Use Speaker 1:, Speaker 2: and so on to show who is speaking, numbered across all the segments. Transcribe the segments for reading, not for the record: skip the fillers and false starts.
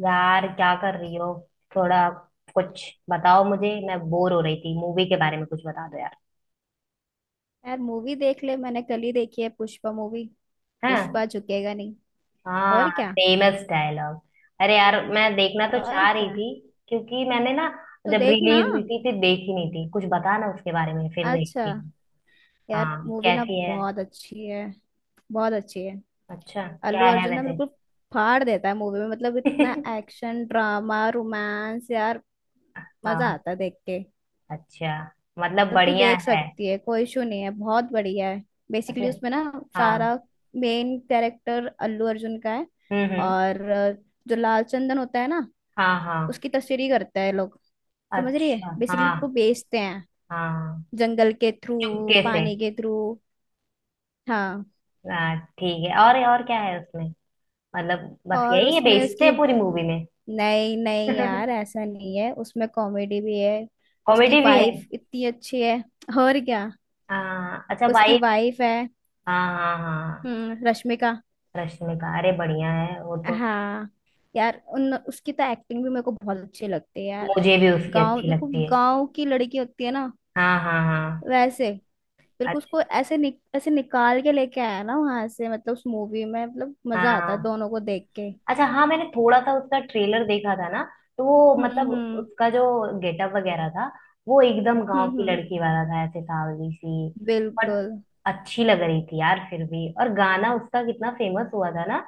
Speaker 1: यार, क्या कर रही हो? थोड़ा कुछ बताओ मुझे। मैं बोर हो रही थी। मूवी के बारे में कुछ बता दो यार।
Speaker 2: यार मूवी देख ले। मैंने कल ही देखी है पुष्पा मूवी।
Speaker 1: हैं?
Speaker 2: पुष्पा झुकेगा नहीं।
Speaker 1: हाँ,
Speaker 2: और क्या।
Speaker 1: Famous dialogue. अरे यार, मैं देखना तो
Speaker 2: और
Speaker 1: चाह रही
Speaker 2: क्या।
Speaker 1: थी। क्योंकि मैंने ना,
Speaker 2: तो
Speaker 1: जब
Speaker 2: देख ना।
Speaker 1: रिलीज हुई थी, फिर देखी नहीं थी। कुछ बता ना उसके बारे में, फिर
Speaker 2: अच्छा
Speaker 1: देखती हूँ।
Speaker 2: यार
Speaker 1: हाँ,
Speaker 2: मूवी ना
Speaker 1: कैसी है?
Speaker 2: बहुत अच्छी है। बहुत अच्छी है।
Speaker 1: अच्छा,
Speaker 2: अल्लू
Speaker 1: क्या है
Speaker 2: अर्जुन ना
Speaker 1: वैसे?
Speaker 2: बिल्कुल फाड़ देता है मूवी में। मतलब इतना एक्शन ड्रामा रोमांस यार। मजा
Speaker 1: हाँ।
Speaker 2: आता है देख के।
Speaker 1: अच्छा, मतलब
Speaker 2: तो तू
Speaker 1: बढ़िया
Speaker 2: देख
Speaker 1: है।
Speaker 2: सकती है, कोई इशू नहीं है, बहुत बढ़िया है।
Speaker 1: अच्छा।
Speaker 2: बेसिकली उसमें ना
Speaker 1: हाँ।
Speaker 2: सारा मेन कैरेक्टर अल्लू अर्जुन का है।
Speaker 1: हम्म।
Speaker 2: और जो लाल चंदन होता है ना,
Speaker 1: हाँ हाँ।
Speaker 2: उसकी तस्वीर करता है लोग। समझ रही है,
Speaker 1: अच्छा।
Speaker 2: बेसिकली
Speaker 1: हाँ
Speaker 2: उसको बेचते हैं
Speaker 1: हाँ।
Speaker 2: जंगल के थ्रू,
Speaker 1: चुपके से।
Speaker 2: पानी के थ्रू। हाँ।
Speaker 1: हाँ, ठीक है। और क्या है उसमें? मतलब, बस
Speaker 2: और
Speaker 1: यही है,
Speaker 2: उसमें
Speaker 1: बेचते
Speaker 2: उसकी
Speaker 1: हैं पूरी मूवी में?
Speaker 2: नहीं नहीं यार, ऐसा नहीं है, उसमें कॉमेडी भी है। उसकी
Speaker 1: कॉमेडी भी है?
Speaker 2: वाइफ इतनी अच्छी है। और क्या।
Speaker 1: हाँ, अच्छा,
Speaker 2: उसकी
Speaker 1: वाइफ।
Speaker 2: वाइफ है,
Speaker 1: हाँ हाँ हाँ।
Speaker 2: हम्म, रश्मिका।
Speaker 1: रश्मिका? अरे, बढ़िया है वो तो।
Speaker 2: हाँ यार, उन उसकी तो एक्टिंग भी मेरे को बहुत अच्छी लगती है यार।
Speaker 1: मुझे भी उसकी
Speaker 2: गांव
Speaker 1: अच्छी
Speaker 2: बिल्कुल
Speaker 1: लगती है।
Speaker 2: गांव की लड़की होती है ना,
Speaker 1: हाँ हाँ हाँ।
Speaker 2: वैसे। बिल्कुल
Speaker 1: अच्छा।
Speaker 2: उसको ऐसे ऐसे निकाल के लेके आया ना वहां से। मतलब उस मूवी में मतलब मजा आता है
Speaker 1: हाँ।
Speaker 2: दोनों को देख के।
Speaker 1: अच्छा, हाँ, मैंने थोड़ा सा उसका ट्रेलर देखा था ना। तो वो मतलब,
Speaker 2: हम्म।
Speaker 1: उसका जो गेटअप वगैरह था, वो एकदम गांव की
Speaker 2: हम्म।
Speaker 1: लड़की वाला था, ऐसे सावली सी। बट
Speaker 2: बिल्कुल।
Speaker 1: अच्छी लग रही थी यार फिर भी। और गाना उसका कितना फेमस हुआ था ना।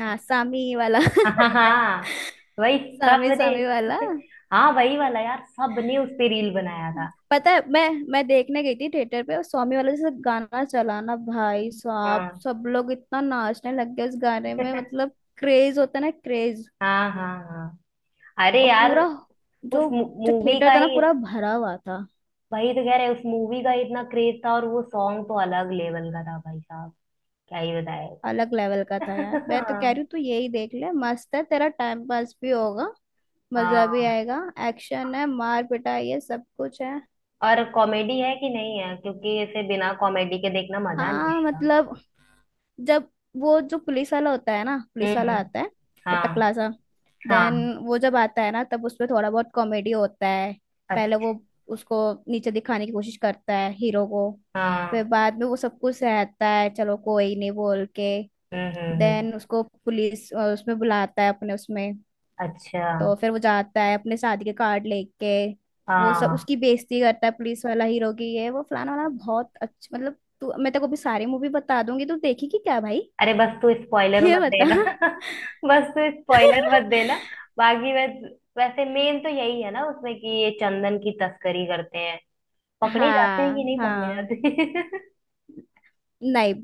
Speaker 2: हाँ सामी वाला
Speaker 1: हाँ हाँ, वही।
Speaker 2: सामी
Speaker 1: सबने।
Speaker 2: सामी वाला।
Speaker 1: हाँ, वही वाला यार, सबने उस पे रील बनाया था।
Speaker 2: पता है मैं देखने गई थी थिएटर पे, और स्वामी वाला जैसे गाना चला ना भाई साहब,
Speaker 1: हाँ।
Speaker 2: सब लोग इतना नाचने लग गए उस गाने में। मतलब क्रेज होता है ना, क्रेज।
Speaker 1: हाँ हाँ हाँ। अरे
Speaker 2: और
Speaker 1: यार,
Speaker 2: पूरा
Speaker 1: उस
Speaker 2: जो जो
Speaker 1: मूवी का
Speaker 2: थिएटर था ना
Speaker 1: ही।
Speaker 2: पूरा भरा हुआ था।
Speaker 1: वही तो कह रहे, उस मूवी का ही इतना क्रेज था। और वो सॉन्ग तो अलग लेवल का था, भाई साहब। क्या ही बताए।
Speaker 2: अलग लेवल का था यार। मैं तो कह रही
Speaker 1: हाँ
Speaker 2: हूँ तू यही देख ले, मस्त है, तेरा टाइम पास भी होगा, मजा भी
Speaker 1: हाँ।
Speaker 2: आएगा। एक्शन है, मार पिटाई है, सब कुछ है।
Speaker 1: और कॉमेडी है कि नहीं है? क्योंकि इसे बिना कॉमेडी के देखना मजा नहीं
Speaker 2: हाँ
Speaker 1: आएगा।
Speaker 2: मतलब जब वो जो पुलिस वाला होता है ना, पुलिस वाला
Speaker 1: हम्म।
Speaker 2: आता है, वो
Speaker 1: हाँ।
Speaker 2: टकला सा, देन
Speaker 1: हाँ।
Speaker 2: वो जब आता है ना तब उसमें थोड़ा बहुत कॉमेडी होता है। पहले
Speaker 1: अच्छा।
Speaker 2: वो उसको नीचे दिखाने की कोशिश करता है हीरो को। फिर
Speaker 1: हाँ।
Speaker 2: बाद में वो सब कुछ सहता है, चलो कोई नहीं बोल के।
Speaker 1: हम्म।
Speaker 2: देन उसको पुलिस उसमें बुलाता है अपने उसमें।
Speaker 1: अच्छा।
Speaker 2: तो फिर वो जाता है अपने शादी के कार्ड लेके। वो सब
Speaker 1: हाँ।
Speaker 2: उसकी बेइज्जती करता है, पुलिस वाला हीरो की, ये वो फलाना वाला। बहुत अच्छा मतलब तू, मैं तेरे को भी सारी मूवी बता दूंगी, तू देखेगी क्या भाई।
Speaker 1: अरे बस, तू स्पॉइलर
Speaker 2: ये
Speaker 1: मत
Speaker 2: बता।
Speaker 1: देना। बस, तू स्पॉइलर मत देना। बाकी वैसे, मेन तो यही है ना उसमें, कि ये चंदन की तस्करी करते हैं। पकड़े जाते हैं
Speaker 2: हाँ
Speaker 1: कि नहीं पकड़े
Speaker 2: हाँ।
Speaker 1: जाते?
Speaker 2: नहीं।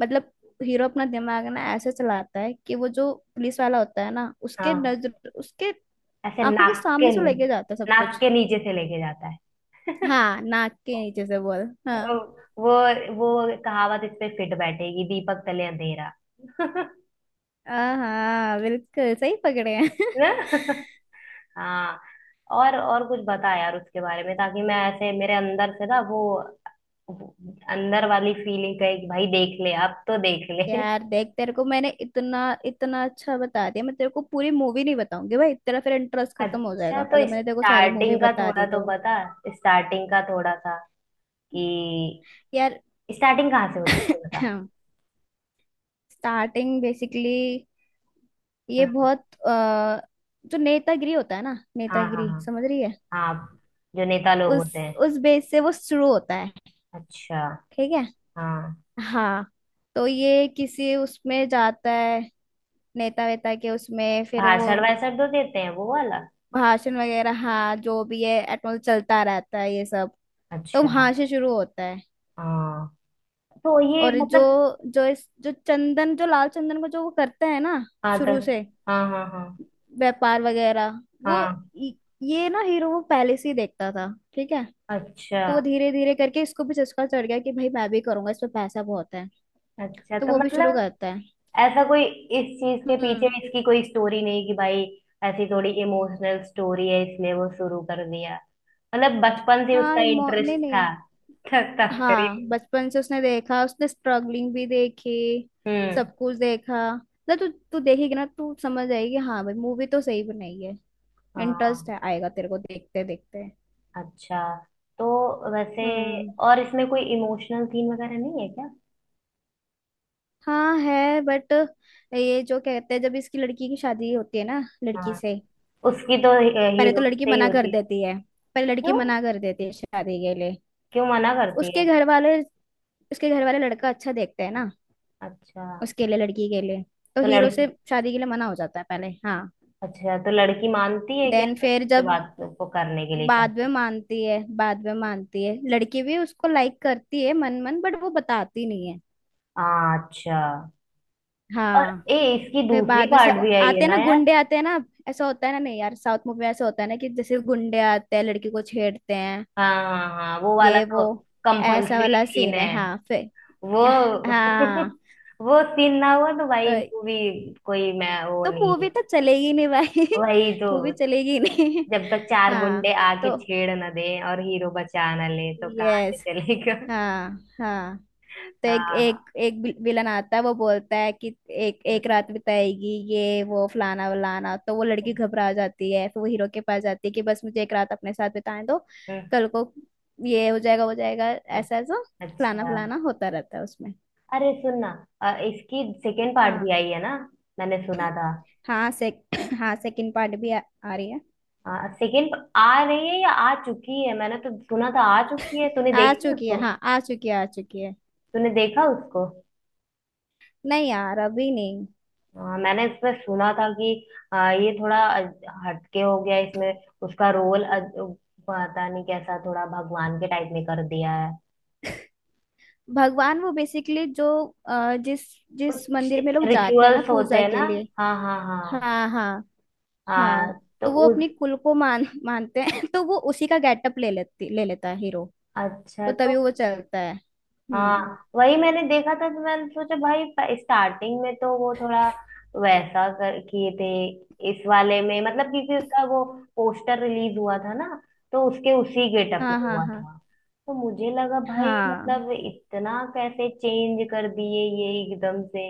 Speaker 2: मतलब हीरो अपना दिमाग ना ऐसे चलाता है कि वो जो पुलिस वाला होता है ना, उसके
Speaker 1: हाँ।
Speaker 2: नजर उसके
Speaker 1: ऐसे
Speaker 2: आंखों के सामने से लेके जाता है सब
Speaker 1: नाक
Speaker 2: कुछ।
Speaker 1: के नीचे से लेके जाता है।
Speaker 2: हाँ नाक के नीचे से बोल। हाँ।
Speaker 1: वो वो कहावत इस पे फिट बैठेगी, दीपक तले अंधेरा।
Speaker 2: हाँ बिल्कुल सही पकड़े हैं।
Speaker 1: ना? हाँ। और कुछ बता यार उसके बारे में, ताकि मैं ऐसे मेरे अंदर से ना वो, अंदर वाली फीलिंग का, एक भाई देख ले, अब तो देख ले।
Speaker 2: यार देख, तेरे को मैंने इतना इतना अच्छा बता दिया, मैं तेरे को पूरी मूवी नहीं बताऊंगी भाई, तेरा फिर इंटरेस्ट खत्म हो
Speaker 1: अच्छा,
Speaker 2: जाएगा
Speaker 1: तो
Speaker 2: अगर मैंने तेरे को सारी मूवी
Speaker 1: स्टार्टिंग का
Speaker 2: बता
Speaker 1: थोड़ा
Speaker 2: दी
Speaker 1: तो
Speaker 2: तो।
Speaker 1: बता। स्टार्टिंग का थोड़ा सा। कि,
Speaker 2: यार
Speaker 1: स्टार्टिंग कहाँ से होती है, ये बता।
Speaker 2: स्टार्टिंग बेसिकली ये
Speaker 1: हम्म।
Speaker 2: बहुत जो नेतागिरी होता है ना,
Speaker 1: हाँ हाँ
Speaker 2: नेतागिरी
Speaker 1: हाँ।
Speaker 2: समझ रही है,
Speaker 1: हाँ, जो नेता लोग होते हैं।
Speaker 2: उस बेस से वो शुरू होता है।
Speaker 1: अच्छा।
Speaker 2: ठीक है।
Speaker 1: हाँ,
Speaker 2: हाँ। तो ये किसी उसमें जाता है, नेता वेता के उसमें, फिर वो
Speaker 1: भाषण वाषण तो देते हैं वो वाला।
Speaker 2: भाषण वगैरह, हाँ जो भी है, एटमोस चलता रहता है ये सब। तो
Speaker 1: अच्छा।
Speaker 2: वहां से शुरू होता है।
Speaker 1: हाँ, तो ये
Speaker 2: और जो
Speaker 1: मतलब।
Speaker 2: जो इस जो चंदन, जो लाल चंदन को जो वो करता है ना
Speaker 1: हाँ, तो।
Speaker 2: शुरू से,
Speaker 1: हाँ हाँ हाँ।
Speaker 2: व्यापार वगैरह, वो
Speaker 1: हाँ।
Speaker 2: इ- ये ना हीरो वो पहले से ही देखता था। ठीक है।
Speaker 1: अच्छा।
Speaker 2: तो वो धीरे धीरे करके इसको भी चस्का चढ़ गया कि भाई मैं भी करूंगा, इसमें पैसा बहुत है।
Speaker 1: अच्छा,
Speaker 2: तो
Speaker 1: तो
Speaker 2: वो भी शुरू
Speaker 1: मतलब,
Speaker 2: करता है।
Speaker 1: ऐसा कोई इस चीज के पीछे
Speaker 2: हम्म।
Speaker 1: इसकी कोई स्टोरी नहीं कि भाई, ऐसी थोड़ी इमोशनल स्टोरी है इसलिए वो शुरू कर दिया। मतलब बचपन से उसका इंटरेस्ट
Speaker 2: नहीं
Speaker 1: था,
Speaker 2: नहीं।
Speaker 1: तस्करी।
Speaker 2: हाँ बचपन से उसने देखा, उसने स्ट्रगलिंग भी देखी,
Speaker 1: हम्म।
Speaker 2: सब कुछ देखा। मतलब तू तू देखेगी ना तू समझ जाएगी, हाँ भाई मूवी तो सही बनाई है। इंटरेस्ट
Speaker 1: हाँ।
Speaker 2: है, आएगा तेरे को देखते देखते।
Speaker 1: अच्छा तो, वैसे,
Speaker 2: हम्म।
Speaker 1: और इसमें कोई इमोशनल सीन वगैरह नहीं है क्या?
Speaker 2: हाँ है, बट ये जो कहते हैं जब इसकी लड़की की शादी होती है ना, लड़की
Speaker 1: हाँ,
Speaker 2: से
Speaker 1: उसकी तो
Speaker 2: पहले तो
Speaker 1: हीरो
Speaker 2: लड़की
Speaker 1: से ही
Speaker 2: मना कर
Speaker 1: होती।
Speaker 2: देती है। पहले लड़की
Speaker 1: क्यों?
Speaker 2: मना कर देती है शादी के लिए।
Speaker 1: क्यों मना करती है?
Speaker 2: उसके घर वाले, उसके घर वाले लड़का अच्छा देखते हैं ना
Speaker 1: अच्छा,
Speaker 2: उसके लिए, लड़की के लिए। तो
Speaker 1: तो
Speaker 2: हीरो से
Speaker 1: लड़की,
Speaker 2: शादी के लिए मना हो जाता है पहले। हाँ
Speaker 1: अच्छा, तो लड़की मानती है क्या
Speaker 2: देन फिर
Speaker 1: उससे
Speaker 2: जब
Speaker 1: बात को करने के लिए
Speaker 2: बाद में
Speaker 1: शायद?
Speaker 2: मानती है, बाद में मानती है, लड़की भी उसको लाइक करती है मन मन, बट वो बताती नहीं है।
Speaker 1: हाँ, अच्छा। और,
Speaker 2: हाँ
Speaker 1: ए, इसकी
Speaker 2: फिर
Speaker 1: दूसरी
Speaker 2: बाद में से
Speaker 1: पार्ट भी आई
Speaker 2: आते
Speaker 1: है
Speaker 2: हैं
Speaker 1: ना
Speaker 2: ना
Speaker 1: यार?
Speaker 2: गुंडे, आते हैं ना। ऐसा होता है ना, नहीं यार साउथ मूवी में ऐसा होता है ना कि जैसे गुंडे आते हैं लड़की को छेड़ते हैं।
Speaker 1: हाँ हाँ हाँ, वो वाला
Speaker 2: ये वो
Speaker 1: तो
Speaker 2: ऐसा
Speaker 1: कंपल्सरी
Speaker 2: वाला
Speaker 1: सीन
Speaker 2: सीन है,
Speaker 1: है।
Speaker 2: हाँ फिर।
Speaker 1: वो
Speaker 2: हाँ।
Speaker 1: वो सीन ना हुआ तो
Speaker 2: तो
Speaker 1: भाई, इनको भी कोई, मैं वो
Speaker 2: तो
Speaker 1: नहीं
Speaker 2: मूवी
Speaker 1: हुआ।
Speaker 2: तो चलेगी नहीं भाई
Speaker 1: वही तो।
Speaker 2: मूवी चलेगी नहीं।
Speaker 1: जब तक चार
Speaker 2: हाँ।
Speaker 1: गुंडे आके
Speaker 2: तो
Speaker 1: छेड़ ना दे और हीरो बचा ना ले, तो कहाँ से
Speaker 2: यस।
Speaker 1: चलेगा?
Speaker 2: हाँ हाँ। तो एक
Speaker 1: हाँ।
Speaker 2: एक एक विल- विलन आता है, वो बोलता है कि एक एक रात बिताएगी, ये वो फलाना वलाना। तो वो लड़की घबरा जाती है, फिर वो हीरो के पास जाती है कि बस मुझे एक रात अपने साथ बिताने दो, कल को ये हो जाएगा वो जाएगा,
Speaker 1: अ-
Speaker 2: ऐसा ऐसा फलाना
Speaker 1: अच्छा।
Speaker 2: फलाना होता रहता है उसमें।
Speaker 1: अरे सुन ना, इसकी सेकेंड पार्ट भी
Speaker 2: हाँ।
Speaker 1: आई है ना? मैंने सुना था।
Speaker 2: हाँ से हाँ सेकंड पार्ट भी आ रही है।
Speaker 1: हाँ, सेकेंड आ रही है या आ चुकी है? मैंने तो सुना था आ चुकी है। तूने
Speaker 2: आ
Speaker 1: देखी
Speaker 2: चुकी है,
Speaker 1: उसको?
Speaker 2: हाँ आ चुकी है, आ चुकी है।
Speaker 1: तूने देखा उसको?
Speaker 2: नहीं यार अभी नहीं।
Speaker 1: हाँ, मैंने इसमें सुना था कि, ये थोड़ा हटके हो गया इसमें। उसका रोल पता नहीं कैसा, थोड़ा भगवान के टाइप में कर दिया है।
Speaker 2: भगवान वो बेसिकली जो जिस जिस
Speaker 1: कुछ
Speaker 2: मंदिर में लोग जाते हैं ना
Speaker 1: रिचुअल्स होते
Speaker 2: पूजा
Speaker 1: हैं
Speaker 2: के
Speaker 1: ना।
Speaker 2: लिए।
Speaker 1: हाँ हाँ हाँ।
Speaker 2: हाँ हाँ हाँ।
Speaker 1: हाँ, तो
Speaker 2: तो वो
Speaker 1: उस,
Speaker 2: अपनी कुल को मान मानते हैं तो वो उसी का गेटअप ले लेता है हीरो। तो
Speaker 1: अच्छा, तो
Speaker 2: तभी वो चलता है। हम्म।
Speaker 1: हाँ, वही मैंने देखा था, तो मैंने सोचा भाई, स्टार्टिंग में तो वो थोड़ा वैसा कर किए थे इस वाले में। मतलब क्योंकि उसका वो पोस्टर रिलीज हुआ था ना, तो उसके उसी गेटअप में
Speaker 2: हाँ हाँ
Speaker 1: हुआ
Speaker 2: हाँ।
Speaker 1: था। तो मुझे लगा भाई,
Speaker 2: हाँ।
Speaker 1: मतलब इतना कैसे चेंज कर दिए ये एकदम से।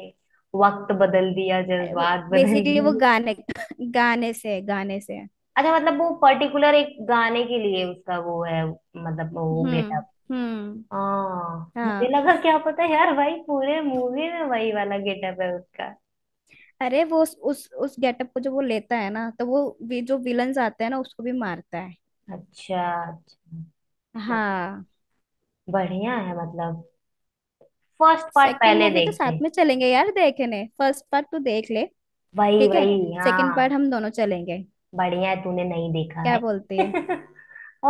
Speaker 1: वक्त बदल दिया,
Speaker 2: अरे वो
Speaker 1: जज्बात बदल
Speaker 2: बेसिकली वो
Speaker 1: दिए।
Speaker 2: गाने गाने से।
Speaker 1: अच्छा मतलब, वो पर्टिकुलर एक गाने के लिए उसका वो है, मतलब वो
Speaker 2: हम्म।
Speaker 1: गेटअप।
Speaker 2: हम्म।
Speaker 1: हाँ, मुझे
Speaker 2: हाँ।
Speaker 1: लगा, क्या पता यार भाई पूरे मूवी में वही वाला गेटअप है उसका।
Speaker 2: अरे वो उस गेटअप को जो वो लेता है ना, तो वो जो विलन्स आते हैं ना उसको भी मारता है।
Speaker 1: अच्छा। अच्छा। मत,
Speaker 2: हाँ।
Speaker 1: बढ़िया है मतलब। फर्स्ट पार्ट
Speaker 2: सेकंड
Speaker 1: पहले
Speaker 2: मूवी तो
Speaker 1: देखते
Speaker 2: साथ
Speaker 1: हैं।
Speaker 2: में चलेंगे यार देखने, फर्स्ट पार्ट तो देख ले।
Speaker 1: वही
Speaker 2: ठीक है।
Speaker 1: वही।
Speaker 2: सेकंड
Speaker 1: हाँ।
Speaker 2: पार्ट हम दोनों चलेंगे।
Speaker 1: बढ़िया है, तूने नहीं देखा है।
Speaker 2: क्या बोलती है।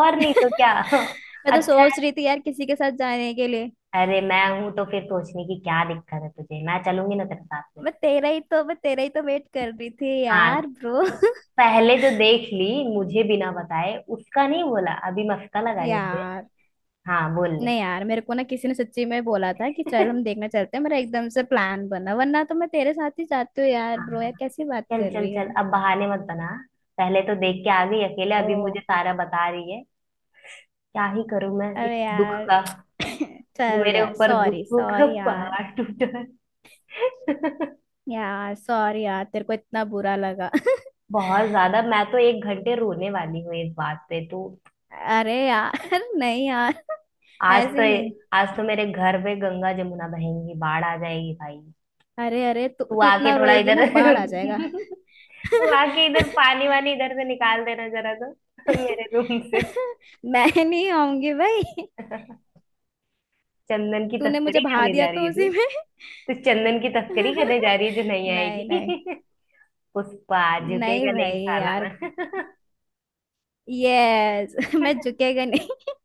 Speaker 1: और नहीं तो क्या।
Speaker 2: मैं तो
Speaker 1: अच्छा है।
Speaker 2: सोच रही थी यार किसी के साथ जाने के लिए।
Speaker 1: अरे मैं हूं तो फिर सोचने की क्या दिक्कत है तुझे? मैं चलूंगी ना तेरे साथ में।
Speaker 2: मैं तेरा ही तो वेट कर रही थी
Speaker 1: हाँ,
Speaker 2: यार ब्रो।
Speaker 1: पहले जो देख ली मुझे बिना बताए, उसका नहीं बोला, अभी मस्का लगा रही हूँ मुझे।
Speaker 2: यार।
Speaker 1: हाँ, बोल ले।
Speaker 2: नहीं यार, मेरे को ना किसी ने सच्ची में बोला था कि चल हम देखने चलते हैं, मेरा एकदम से प्लान बना, वरना तो मैं तेरे साथ ही जाती हूँ यार ब्रो।
Speaker 1: हाँ,
Speaker 2: यार कैसी बात
Speaker 1: चल
Speaker 2: कर
Speaker 1: चल
Speaker 2: रही
Speaker 1: चल,
Speaker 2: है।
Speaker 1: अब बहाने मत बना। पहले तो देख के आ गई अकेले,
Speaker 2: ओ।
Speaker 1: अभी मुझे सारा बता रही है। क्या ही करूं मैं इस
Speaker 2: अरे
Speaker 1: दुख
Speaker 2: यार
Speaker 1: का। जो
Speaker 2: चल
Speaker 1: मेरे
Speaker 2: यार,
Speaker 1: ऊपर
Speaker 2: सॉरी
Speaker 1: दुखों का
Speaker 2: सॉरी यार।
Speaker 1: पहाड़ टूटा है।
Speaker 2: यार सॉरी यार तेरे को इतना बुरा लगा।
Speaker 1: बहुत ज्यादा। मैं तो 1 घंटे रोने वाली हूँ इस बात पे तू।
Speaker 2: अरे यार नहीं यार
Speaker 1: आज तो,
Speaker 2: ऐसे नहीं।
Speaker 1: आज तो मेरे घर पे गंगा जमुना बहेंगी, बाढ़ आ जाएगी भाई।
Speaker 2: अरे अरे तू
Speaker 1: तू
Speaker 2: तू
Speaker 1: आके
Speaker 2: इतना
Speaker 1: थोड़ा
Speaker 2: रोएगी ना,
Speaker 1: इधर,
Speaker 2: बाढ़ आ जाएगा
Speaker 1: तू आके इधर पानी वानी इधर से निकाल देना जरा तो, मेरे रूम से।
Speaker 2: मैं नहीं आऊंगी भाई।
Speaker 1: चंदन की
Speaker 2: तूने मुझे
Speaker 1: तस्करी
Speaker 2: भा
Speaker 1: करने
Speaker 2: दिया
Speaker 1: जा रही
Speaker 2: तो
Speaker 1: है?
Speaker 2: उसी में।
Speaker 1: तो चंदन की तस्करी करने जा रही है, जो नहीं
Speaker 2: नहीं नहीं।
Speaker 1: आएगी? पुष्पा
Speaker 2: नहीं
Speaker 1: झुकेगा नहीं
Speaker 2: भाई
Speaker 1: साला
Speaker 2: यार।
Speaker 1: मैं।
Speaker 2: यस मैं झुकेगा नहीं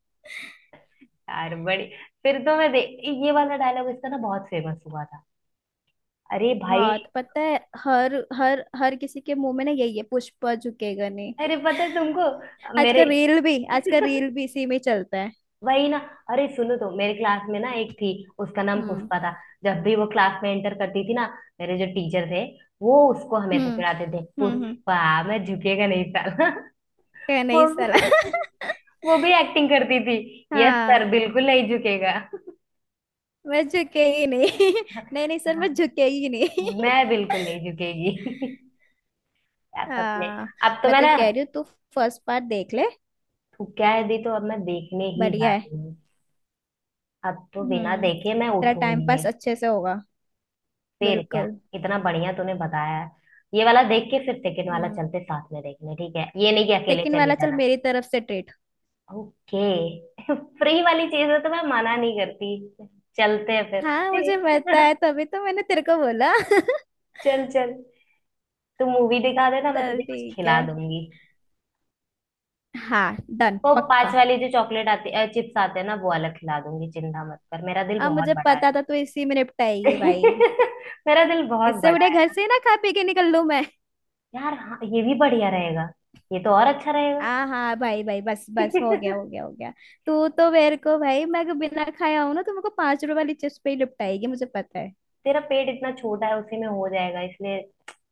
Speaker 1: यार, बड़ी, फिर तो मैं देख, ये वाला डायलॉग इसका ना बहुत फेमस हुआ था। अरे भाई।
Speaker 2: बहुत पता है, हर हर हर किसी के मुंह में ना यही है, पुष्पा झुकेगा नहीं।
Speaker 1: अरे पता है तुमको,
Speaker 2: आज
Speaker 1: मेरे
Speaker 2: का रील भी, आज का रील भी इसी में चलता है।
Speaker 1: वही ना। अरे सुनो तो, मेरे क्लास में ना एक थी, उसका नाम
Speaker 2: हम्म
Speaker 1: पुष्पा था। जब भी वो क्लास में एंटर करती थी ना, मेरे जो टीचर थे, वो उसको हमेशा
Speaker 2: हम्म।
Speaker 1: चिढ़ाते थे,
Speaker 2: हम्म।
Speaker 1: पुष्पा, मैं झुकेगा नहीं साला।
Speaker 2: क्या नहीं
Speaker 1: वो भी,
Speaker 2: साला
Speaker 1: वो भी एक्टिंग करती थी। यस
Speaker 2: हाँ
Speaker 1: सर, बिल्कुल नहीं झुकेगा।
Speaker 2: मैं झुकेगी नहीं नहीं नहीं सर मैं
Speaker 1: हाँ,
Speaker 2: झुकेगी नहीं
Speaker 1: मैं बिल्कुल नहीं झुकेगी। यार सच में।
Speaker 2: हाँ।
Speaker 1: अब तो
Speaker 2: मैं
Speaker 1: मैं
Speaker 2: तो
Speaker 1: ना,
Speaker 2: कह रही हूँ तू फर्स्ट पार्ट देख ले।
Speaker 1: क्या है दी, तो अब मैं देखने ही जा
Speaker 2: बढ़िया है।
Speaker 1: रही हूँ। अब तो बिना देखे मैं
Speaker 2: तेरा टाइम
Speaker 1: उठूंगी
Speaker 2: पास
Speaker 1: नहीं।
Speaker 2: अच्छे से होगा।
Speaker 1: फिर क्या,
Speaker 2: बिल्कुल।
Speaker 1: इतना बढ़िया तूने बताया है। ये वाला देख के फिर सेकंड वाला
Speaker 2: हम्म
Speaker 1: चलते साथ में देखने, ठीक है? ये नहीं कि अकेले
Speaker 2: सेकंड
Speaker 1: चली
Speaker 2: वाला चल,
Speaker 1: जाना।
Speaker 2: मेरी तरफ से ट्रीट।
Speaker 1: ओके। फ्री वाली चीज है तो मैं मना नहीं करती। चलते हैं
Speaker 2: हाँ मुझे पता
Speaker 1: फिर।
Speaker 2: है, तभी तो मैंने तेरे को बोला
Speaker 1: चल चल, तू मूवी दिखा देना, मैं तुझे
Speaker 2: चल
Speaker 1: कुछ
Speaker 2: ठीक है।
Speaker 1: खिला दूंगी।
Speaker 2: हाँ डन
Speaker 1: वो पांच
Speaker 2: पक्का।
Speaker 1: वाली जो चॉकलेट आती है, चिप्स आते हैं ना, वो वाला खिला दूंगी। चिंता मत कर, मेरा दिल
Speaker 2: अब
Speaker 1: बहुत
Speaker 2: मुझे
Speaker 1: बड़ा है।
Speaker 2: पता था तू इसी में निपटाएगी भाई।
Speaker 1: मेरा दिल बहुत
Speaker 2: इससे
Speaker 1: बड़ा
Speaker 2: बड़े घर
Speaker 1: है।
Speaker 2: से ही ना खा पी के निकल लूं मैं।
Speaker 1: यार हाँ, ये भी बढ़िया रहेगा। ये तो और अच्छा रहेगा।
Speaker 2: हाँ हाँ भाई भाई, बस बस हो गया हो गया हो गया। तू तो मेरे को भाई, मैं अगर बिना खाया हूं ना तो मेरे को पांच रुपए वाली चिप्स पे ही निपटाएगी, मुझे पता है।
Speaker 1: तेरा पेट इतना छोटा है उसी में हो जाएगा, इसलिए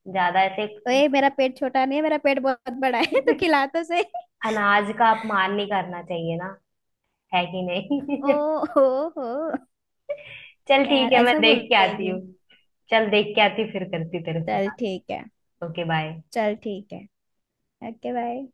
Speaker 1: ज्यादा ऐसे।
Speaker 2: ओए मेरा पेट छोटा नहीं है, मेरा पेट बहुत बड़ा है, तू खिला तो सही।
Speaker 1: अनाज का अपमान नहीं करना चाहिए ना। है कि
Speaker 2: ओ
Speaker 1: नहीं?
Speaker 2: हो हो।
Speaker 1: चल
Speaker 2: यार
Speaker 1: ठीक है, मैं
Speaker 2: ऐसा बोल
Speaker 1: देख के आती
Speaker 2: रहेगी।
Speaker 1: हूँ। चल, देख के आती हूँ, फिर करती हूँ तेरे से
Speaker 2: चल
Speaker 1: बात।
Speaker 2: ठीक है।
Speaker 1: Okay bye.
Speaker 2: चल ठीक है। Okay bye.